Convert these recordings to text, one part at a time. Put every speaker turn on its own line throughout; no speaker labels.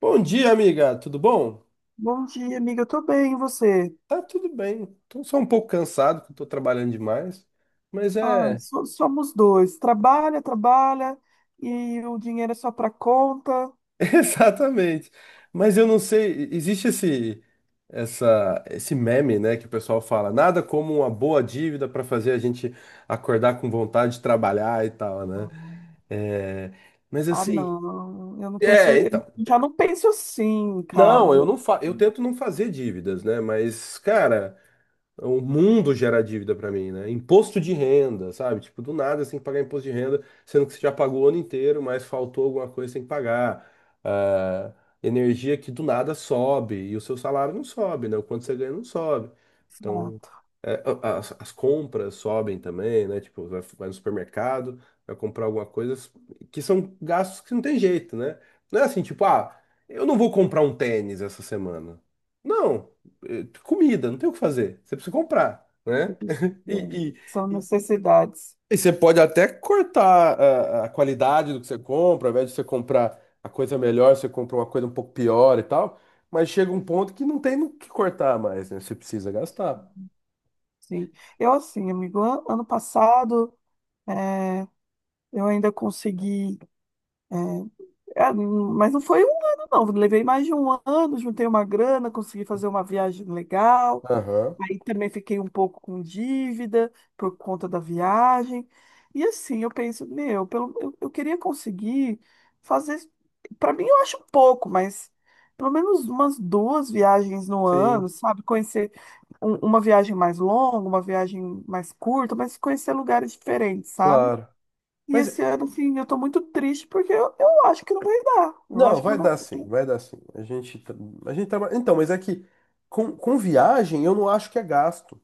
Bom dia, amiga. Tudo bom?
Bom dia, amiga. Eu tô bem, e você?
Tá tudo bem. Tô só um pouco cansado, que eu tô trabalhando demais. Mas
Ah,
é,
somos dois. Trabalha, trabalha e o dinheiro é só pra conta.
exatamente. Mas eu não sei, existe esse meme, né, que o pessoal fala, nada como uma boa dívida para fazer a gente acordar com vontade de trabalhar e tal, né? É, mas
Ah,
assim,
não.
é,
Eu
então.
já não penso assim, cara.
Não, eu tento não fazer dívidas, né? Mas, cara, o mundo gera dívida pra mim, né? Imposto de renda, sabe? Tipo, do nada você tem que pagar imposto de renda, sendo que você já pagou o ano inteiro, mas faltou alguma coisa, você tem que pagar. Ah, energia que do nada sobe e o seu salário não sobe, né? O quanto você ganha não sobe. Então,
Exato.
é, as compras sobem também, né? Tipo, vai no supermercado, vai comprar alguma coisa que são gastos que não tem jeito, né? Não é assim, tipo, eu não vou comprar um tênis essa semana. Não, comida, não tem o que fazer. Você precisa comprar, né?
Eles, é,
E,
São
e, e-
necessidades,
e você pode até cortar a qualidade do que você compra, ao invés de você comprar a coisa melhor, você compra uma coisa um pouco pior e tal. Mas chega um ponto que não tem no que cortar mais, né? Você precisa gastar.
sim. Eu, assim, amigo, ano passado, eh, eu ainda consegui, eh, mas não foi um ano, não. Levei mais de um ano, juntei uma grana, consegui fazer uma viagem legal.
Aham,
Aí também fiquei um pouco com dívida por conta da viagem. E assim, eu penso, eu queria conseguir fazer. Para mim, eu acho pouco, mas pelo menos umas duas viagens no
sim,
ano, sabe? Conhecer uma viagem mais longa, uma viagem mais curta, mas conhecer lugares diferentes, sabe?
claro.
E
Mas
esse ano, assim, eu tô muito triste porque eu acho que não vai dar. Eu
não,
acho que não
vai
vai.
dar sim,
dar.
vai dar sim. A gente trabalha. Então, mas é que com viagem eu não acho que é gasto.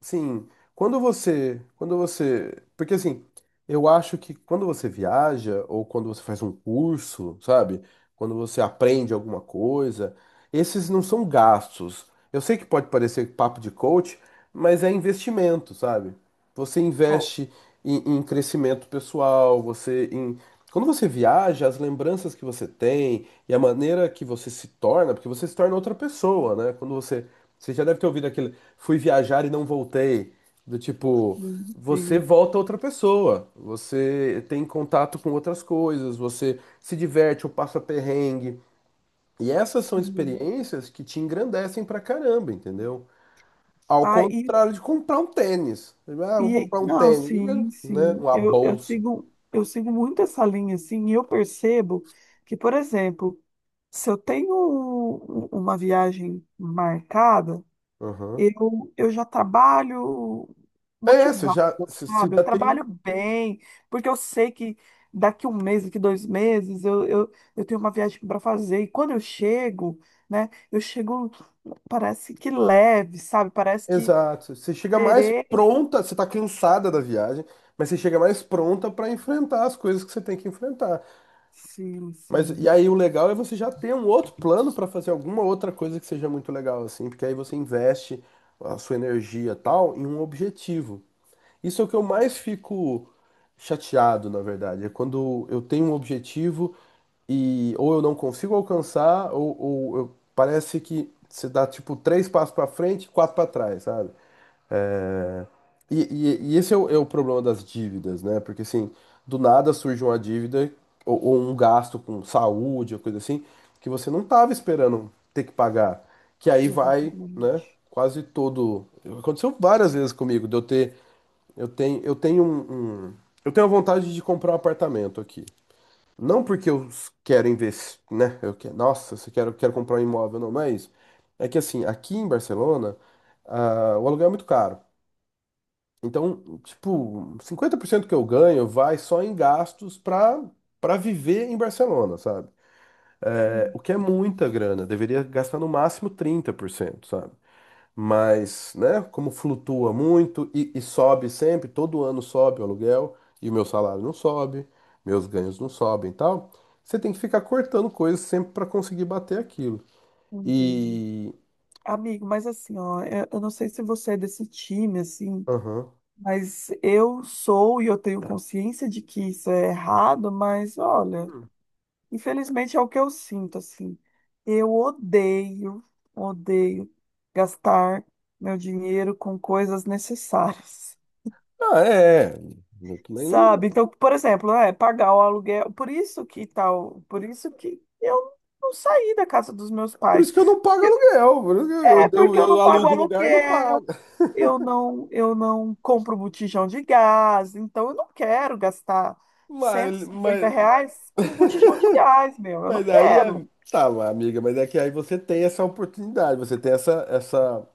Sim, quando você, porque assim, eu acho que quando você viaja ou quando você faz um curso, sabe? Quando você aprende alguma coisa, esses não são gastos. Eu sei que pode parecer papo de coach, mas é investimento, sabe? Você
Oh,
investe em crescimento pessoal, você em quando você viaja, as lembranças que você tem e a maneira que você se torna, porque você se torna outra pessoa, né? Você já deve ter ouvido aquele "fui viajar e não voltei". Do tipo,
sim,
você
sim,
volta outra pessoa, você tem contato com outras coisas, você se diverte ou passa perrengue. E essas são
sim.
experiências que te engrandecem pra caramba, entendeu? Ao
Ah,
contrário de comprar um tênis. Ah, vou
e
comprar um
não,
tênis,
sim,
né?
sim.
Uma
Eu, eu
bolsa.
sigo, eu sigo muito essa linha, assim, e eu percebo que, por exemplo, se eu tenho uma viagem marcada,
Aham.
eu já trabalho
É, você
motivada,
já, você você
sabe? Eu
já tem.
trabalho bem, porque eu sei que daqui um mês, daqui 2 meses, eu tenho uma viagem para fazer. E quando eu chego, né, eu chego, parece que leve, sabe? Parece que
Exato. Você chega mais
terei.
pronta, você tá cansada da viagem, mas você chega mais pronta pra enfrentar as coisas que você tem que enfrentar.
Sim,
Mas
sim.
e aí o legal é você já ter um outro plano para fazer alguma outra coisa que seja muito legal, assim, porque aí você investe a sua energia tal em um objetivo. Isso é o que eu mais fico chateado, na verdade, é quando eu tenho um objetivo e ou eu não consigo alcançar, parece que você dá tipo três passos para frente, e quatro para trás, sabe? E esse é o problema das dívidas, né? Porque assim, do nada surge uma dívida ou um gasto com saúde, ou coisa assim, que você não estava esperando ter que pagar. Que aí vai, né?
Exatamente.
Quase todo. Aconteceu várias vezes comigo, de eu ter. Eu tenho, eu tenho um, um- eu tenho a vontade de comprar um apartamento aqui. Não porque eu quero investir, né? Eu quero, nossa, eu quero comprar um imóvel, não é isso. É que assim, aqui em Barcelona, o aluguel é muito caro. Então, tipo, 50% que eu ganho vai só em gastos para viver em Barcelona, sabe? É,
Hum,
o que é muita grana, deveria gastar no máximo 30%, sabe? Mas, né, como flutua muito e sobe sempre, todo ano sobe o aluguel e o meu salário não sobe, meus ganhos não sobem e tal, você tem que ficar cortando coisas sempre para conseguir bater aquilo.
entendi.
E.
Amigo, mas assim, ó, eu não sei se você é desse time, assim,
Aham.
mas eu sou e eu tenho consciência de que isso é errado, mas olha,
Hum.
infelizmente é o que eu sinto, assim. Eu odeio, odeio gastar meu dinheiro com coisas necessárias.
Ah, é. Eu também não.
Sabe? Então, por exemplo, é pagar o aluguel, por isso que tal, por isso que eu não saí da casa dos meus
Por
pais.
isso que eu não pago aluguel, por isso
É
que Eu, eu,
porque eu
eu
não pago
alugo o lugar, e não
aluguel,
pago.
eu não compro botijão de gás, então eu não quero gastar
Mas,
cento e
mas,
cinquenta reais com botijão de gás, meu, eu não
mas aí,
quero.
tá, amiga, mas é que aí você tem essa oportunidade, você tem essa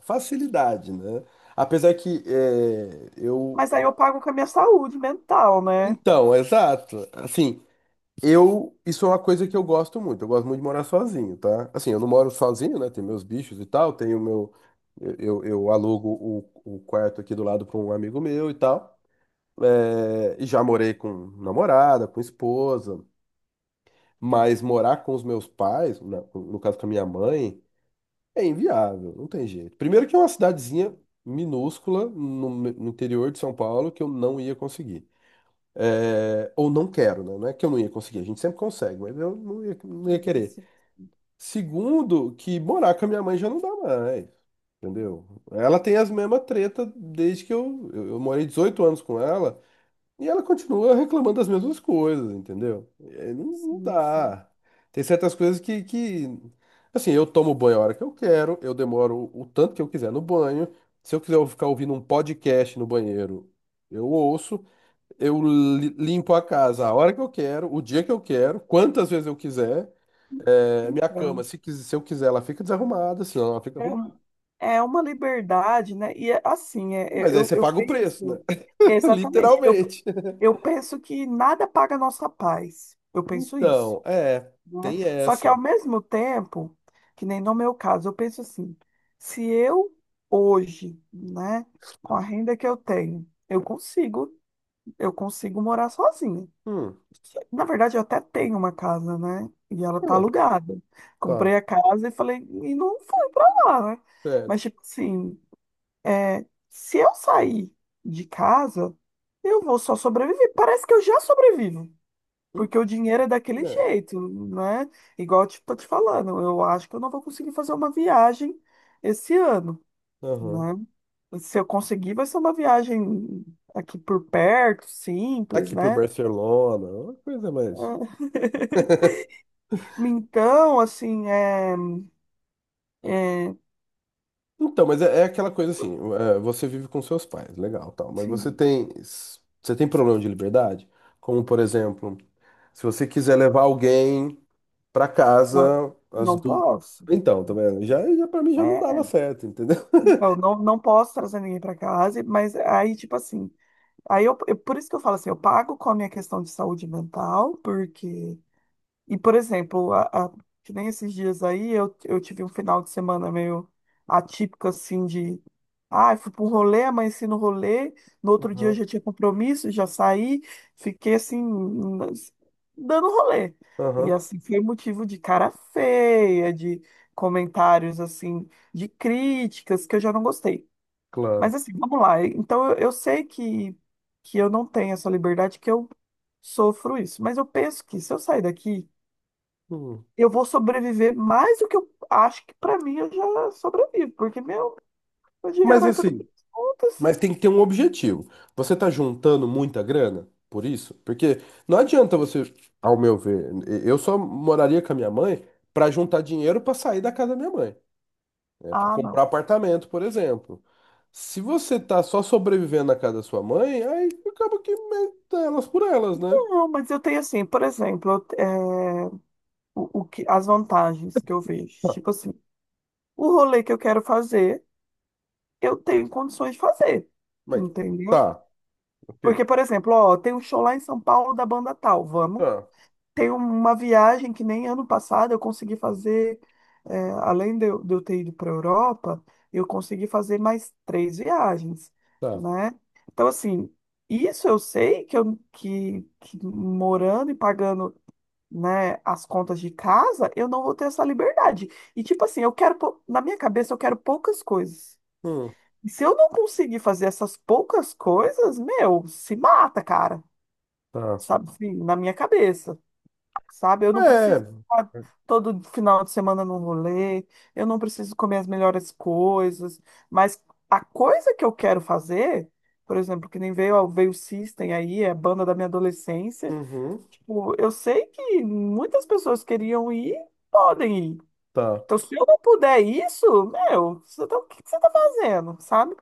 facilidade, né? Apesar que é, eu.
Mas aí eu pago com a minha saúde mental, né?
Então, exato. Assim, eu. Isso é uma coisa que eu gosto muito. Eu gosto muito de morar sozinho, tá? Assim, eu não moro sozinho, né? Tem meus bichos e tal, tenho meu. Eu alugo o quarto aqui do lado para um amigo meu e tal. É, e já morei com namorada, com esposa, mas morar com os meus pais, no caso com a minha mãe, é inviável, não tem jeito. Primeiro que é uma cidadezinha minúscula no interior de São Paulo que eu não ia conseguir. É, ou não quero, né? Não é que eu não ia conseguir, a gente sempre consegue, mas eu não ia querer.
Isso,
Segundo, que morar com a minha mãe já não dá mais, entendeu? Ela tem as mesmas tretas desde que eu morei 18 anos com ela. E ela continua reclamando das mesmas coisas, entendeu? É, não, não
sim, sim.
dá. Tem certas coisas que. Assim, eu tomo banho a hora que eu quero, eu demoro o tanto que eu quiser no banho. Se eu quiser ficar ouvindo um podcast no banheiro, eu ouço. Eu limpo a casa a hora que eu quero, o dia que eu quero, quantas vezes eu quiser. É, minha cama,
Então,
se eu quiser, ela fica desarrumada, se não, ela fica
é,
arrumada.
um- é uma liberdade, né? E é assim,
Mas aí
eu,
você
eu
paga o preço, né?
penso, exatamente,
Literalmente.
eu penso que nada paga a nossa paz. Eu penso isso.
Então, é,
Né?
tem
Só que
essa.
ao mesmo tempo, que nem no meu caso, eu penso assim, se eu hoje, né, com a renda que eu tenho, eu consigo morar sozinha.
Hum.
Na verdade, eu até tenho uma casa, né? E ela tá
Hum.
alugada.
Tá,
Comprei a casa e falei, e não fui lá, né?
certo.
Mas tipo assim, é, se eu sair de casa, eu vou só sobreviver. Parece que eu já sobrevivo.
Hum,
Porque o dinheiro é daquele
É,
jeito, né? Igual eu tô te falando, eu acho que eu não vou conseguir fazer uma viagem esse ano,
aham.
né? Se eu conseguir, vai ser uma viagem aqui por perto, simples,
Aqui por
né?
Barcelona, é uma coisa mais.
É, então, assim, é,
Então, mas é aquela coisa assim, é, você vive com seus pais, legal, tal, mas você
assim,
tem, você tem problema de liberdade? Como, por exemplo, se você quiser levar alguém pra
não,
casa, as
não
du...
posso.
Então, tá vendo? Já para mim já não dava
É,
certo, entendeu?
então, não, não posso trazer ninguém para casa, mas aí, tipo assim, aí por isso que eu falo assim, eu pago com a minha questão de saúde mental, porque e, por exemplo, que nem esses dias aí, eu tive um final de semana meio atípico, assim, de... Ah, fui para um rolê, amanheci no rolê, no outro dia eu
Aham,
já tinha compromisso, já saí, fiquei, assim, nas- dando rolê. E,
aham,
assim, foi motivo de cara feia, de comentários, assim, de críticas, que eu já não gostei.
claro.
Mas, assim, vamos lá. Então, eu sei que eu não tenho essa liberdade, que eu sofro isso. Mas eu penso que se eu sair daqui
Hum.
eu vou sobreviver mais do que eu acho que pra mim eu já sobrevivo, porque meu dinheiro
Mas
vai tudo para
assim,
as contas.
Mas tem que ter um objetivo. Você tá juntando muita grana por isso? Porque não adianta você, ao meu ver, eu só moraria com a minha mãe para juntar dinheiro para sair da casa da minha mãe, para
Ah,
comprar
não.
apartamento, por exemplo. Se você tá só sobrevivendo na casa da sua mãe, aí acaba que meta elas por elas, né?
Não, mas eu tenho assim, por exemplo, é, o que, as vantagens que eu vejo.
Tá.
Tipo assim, o rolê que eu quero fazer, eu tenho condições de fazer,
Mas
entendeu?
tá, ok.
Porque, por exemplo, ó, tem um show lá em São Paulo da banda tal, vamos.
Tá,
Tem uma viagem que nem ano passado eu consegui fazer, é, além de eu ter ido para a Europa, eu consegui fazer mais três viagens,
tá.
né? Então, assim, isso eu sei que, que morando e pagando, né, as contas de casa, eu não vou ter essa liberdade. E, tipo assim, eu quero, na minha cabeça, eu quero poucas coisas.
Hum,
E se eu não conseguir fazer essas poucas coisas, meu, se mata, cara,
tá.
sabe? Assim, na minha cabeça sabe? Eu não
É.
preciso ficar todo final de semana no rolê, eu não preciso comer as melhores coisas, mas a coisa que eu quero fazer, por exemplo, que nem veio o System aí, é a banda da minha adolescência,
Uhum,
tipo, eu sei que muitas pessoas queriam ir, podem ir.
tá.
Então, se eu não puder isso, meu, o que que você tá fazendo, sabe?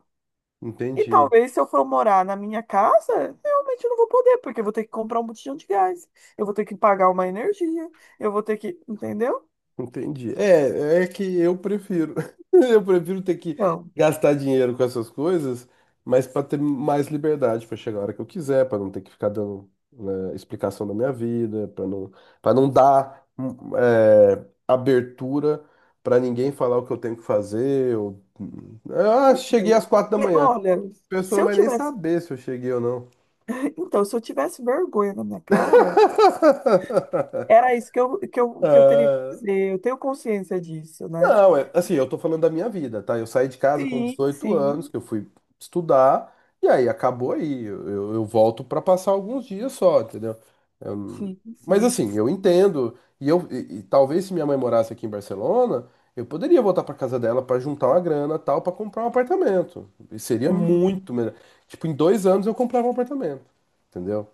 E
Entendi.
talvez se eu for morar na minha casa, realmente eu não vou poder, porque eu vou ter que comprar um botijão de gás, eu vou ter que pagar uma energia, eu vou ter que, entendeu?
Entendi. É que eu prefiro. Eu prefiro ter que
Então,
gastar dinheiro com essas coisas, mas para ter mais liberdade para chegar a hora que eu quiser, para não ter que ficar dando, né, explicação da minha vida, para não dar abertura para ninguém falar o que eu tenho que fazer. Ah, cheguei às
eu-
quatro da
e
manhã.
olha,
A pessoa
se
não
eu
vai nem
tivesse,
saber se eu cheguei ou não.
então, se eu tivesse vergonha na minha cara, era isso que eu teria que
Ah,
fazer. Eu tenho consciência disso, né?
não, assim, eu tô falando da minha vida, tá? Eu saí de casa com
Sim,
18 anos,
sim,
que eu fui estudar, e aí acabou aí. Eu volto pra passar alguns dias só, entendeu? Eu não-
sim,
Mas
sim.
assim, eu entendo, e talvez se minha mãe morasse aqui em Barcelona, eu poderia voltar pra casa dela pra juntar uma grana, tal, pra comprar um apartamento. E seria
Uhum.
muito melhor. Tipo, em 2 anos eu comprava um apartamento, entendeu?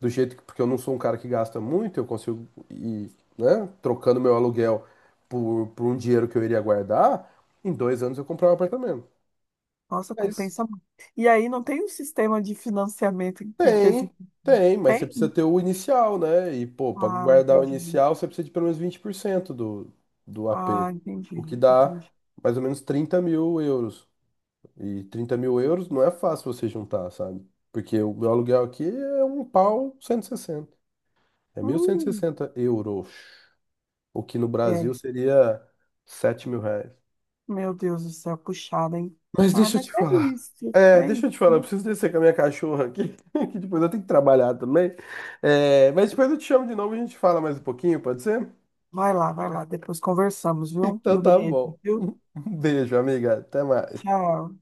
Do jeito que, porque eu não sou um cara que gasta muito, eu consigo ir, né, trocando meu aluguel por um dinheiro que eu iria guardar, em 2 anos eu comprava um apartamento.
Nossa,
Mas
compensa muito. E aí não tem um sistema de financiamento que
tem,
existe?
mas você
Tem?
precisa ter o inicial, né? E, pô, para
Ah,
guardar o
entendi.
inicial, você precisa de pelo menos 20% do AP,
Ah, entendi,
o que dá
entendi.
mais ou menos 30 mil euros. E 30 mil euros não é fácil você juntar, sabe? Porque o meu aluguel aqui é um pau 160. É mil cento e
Hum,
sessenta euros. O que no Brasil
é,
seria 7 mil reais.
meu Deus do céu, puxada, hein?
Mas
Ah,
deixa eu
mas
te
é
falar.
isso,
É,
é
deixa
isso.
eu te falar, eu preciso descer com a minha cachorra aqui, que depois eu tenho que trabalhar também. É, mas depois eu te chamo de novo e a gente fala mais um pouquinho, pode ser?
Vai lá, depois conversamos, viu?
Então
Um
tá
beijo,
bom.
viu?
Um beijo, amiga. Até mais.
Tchau.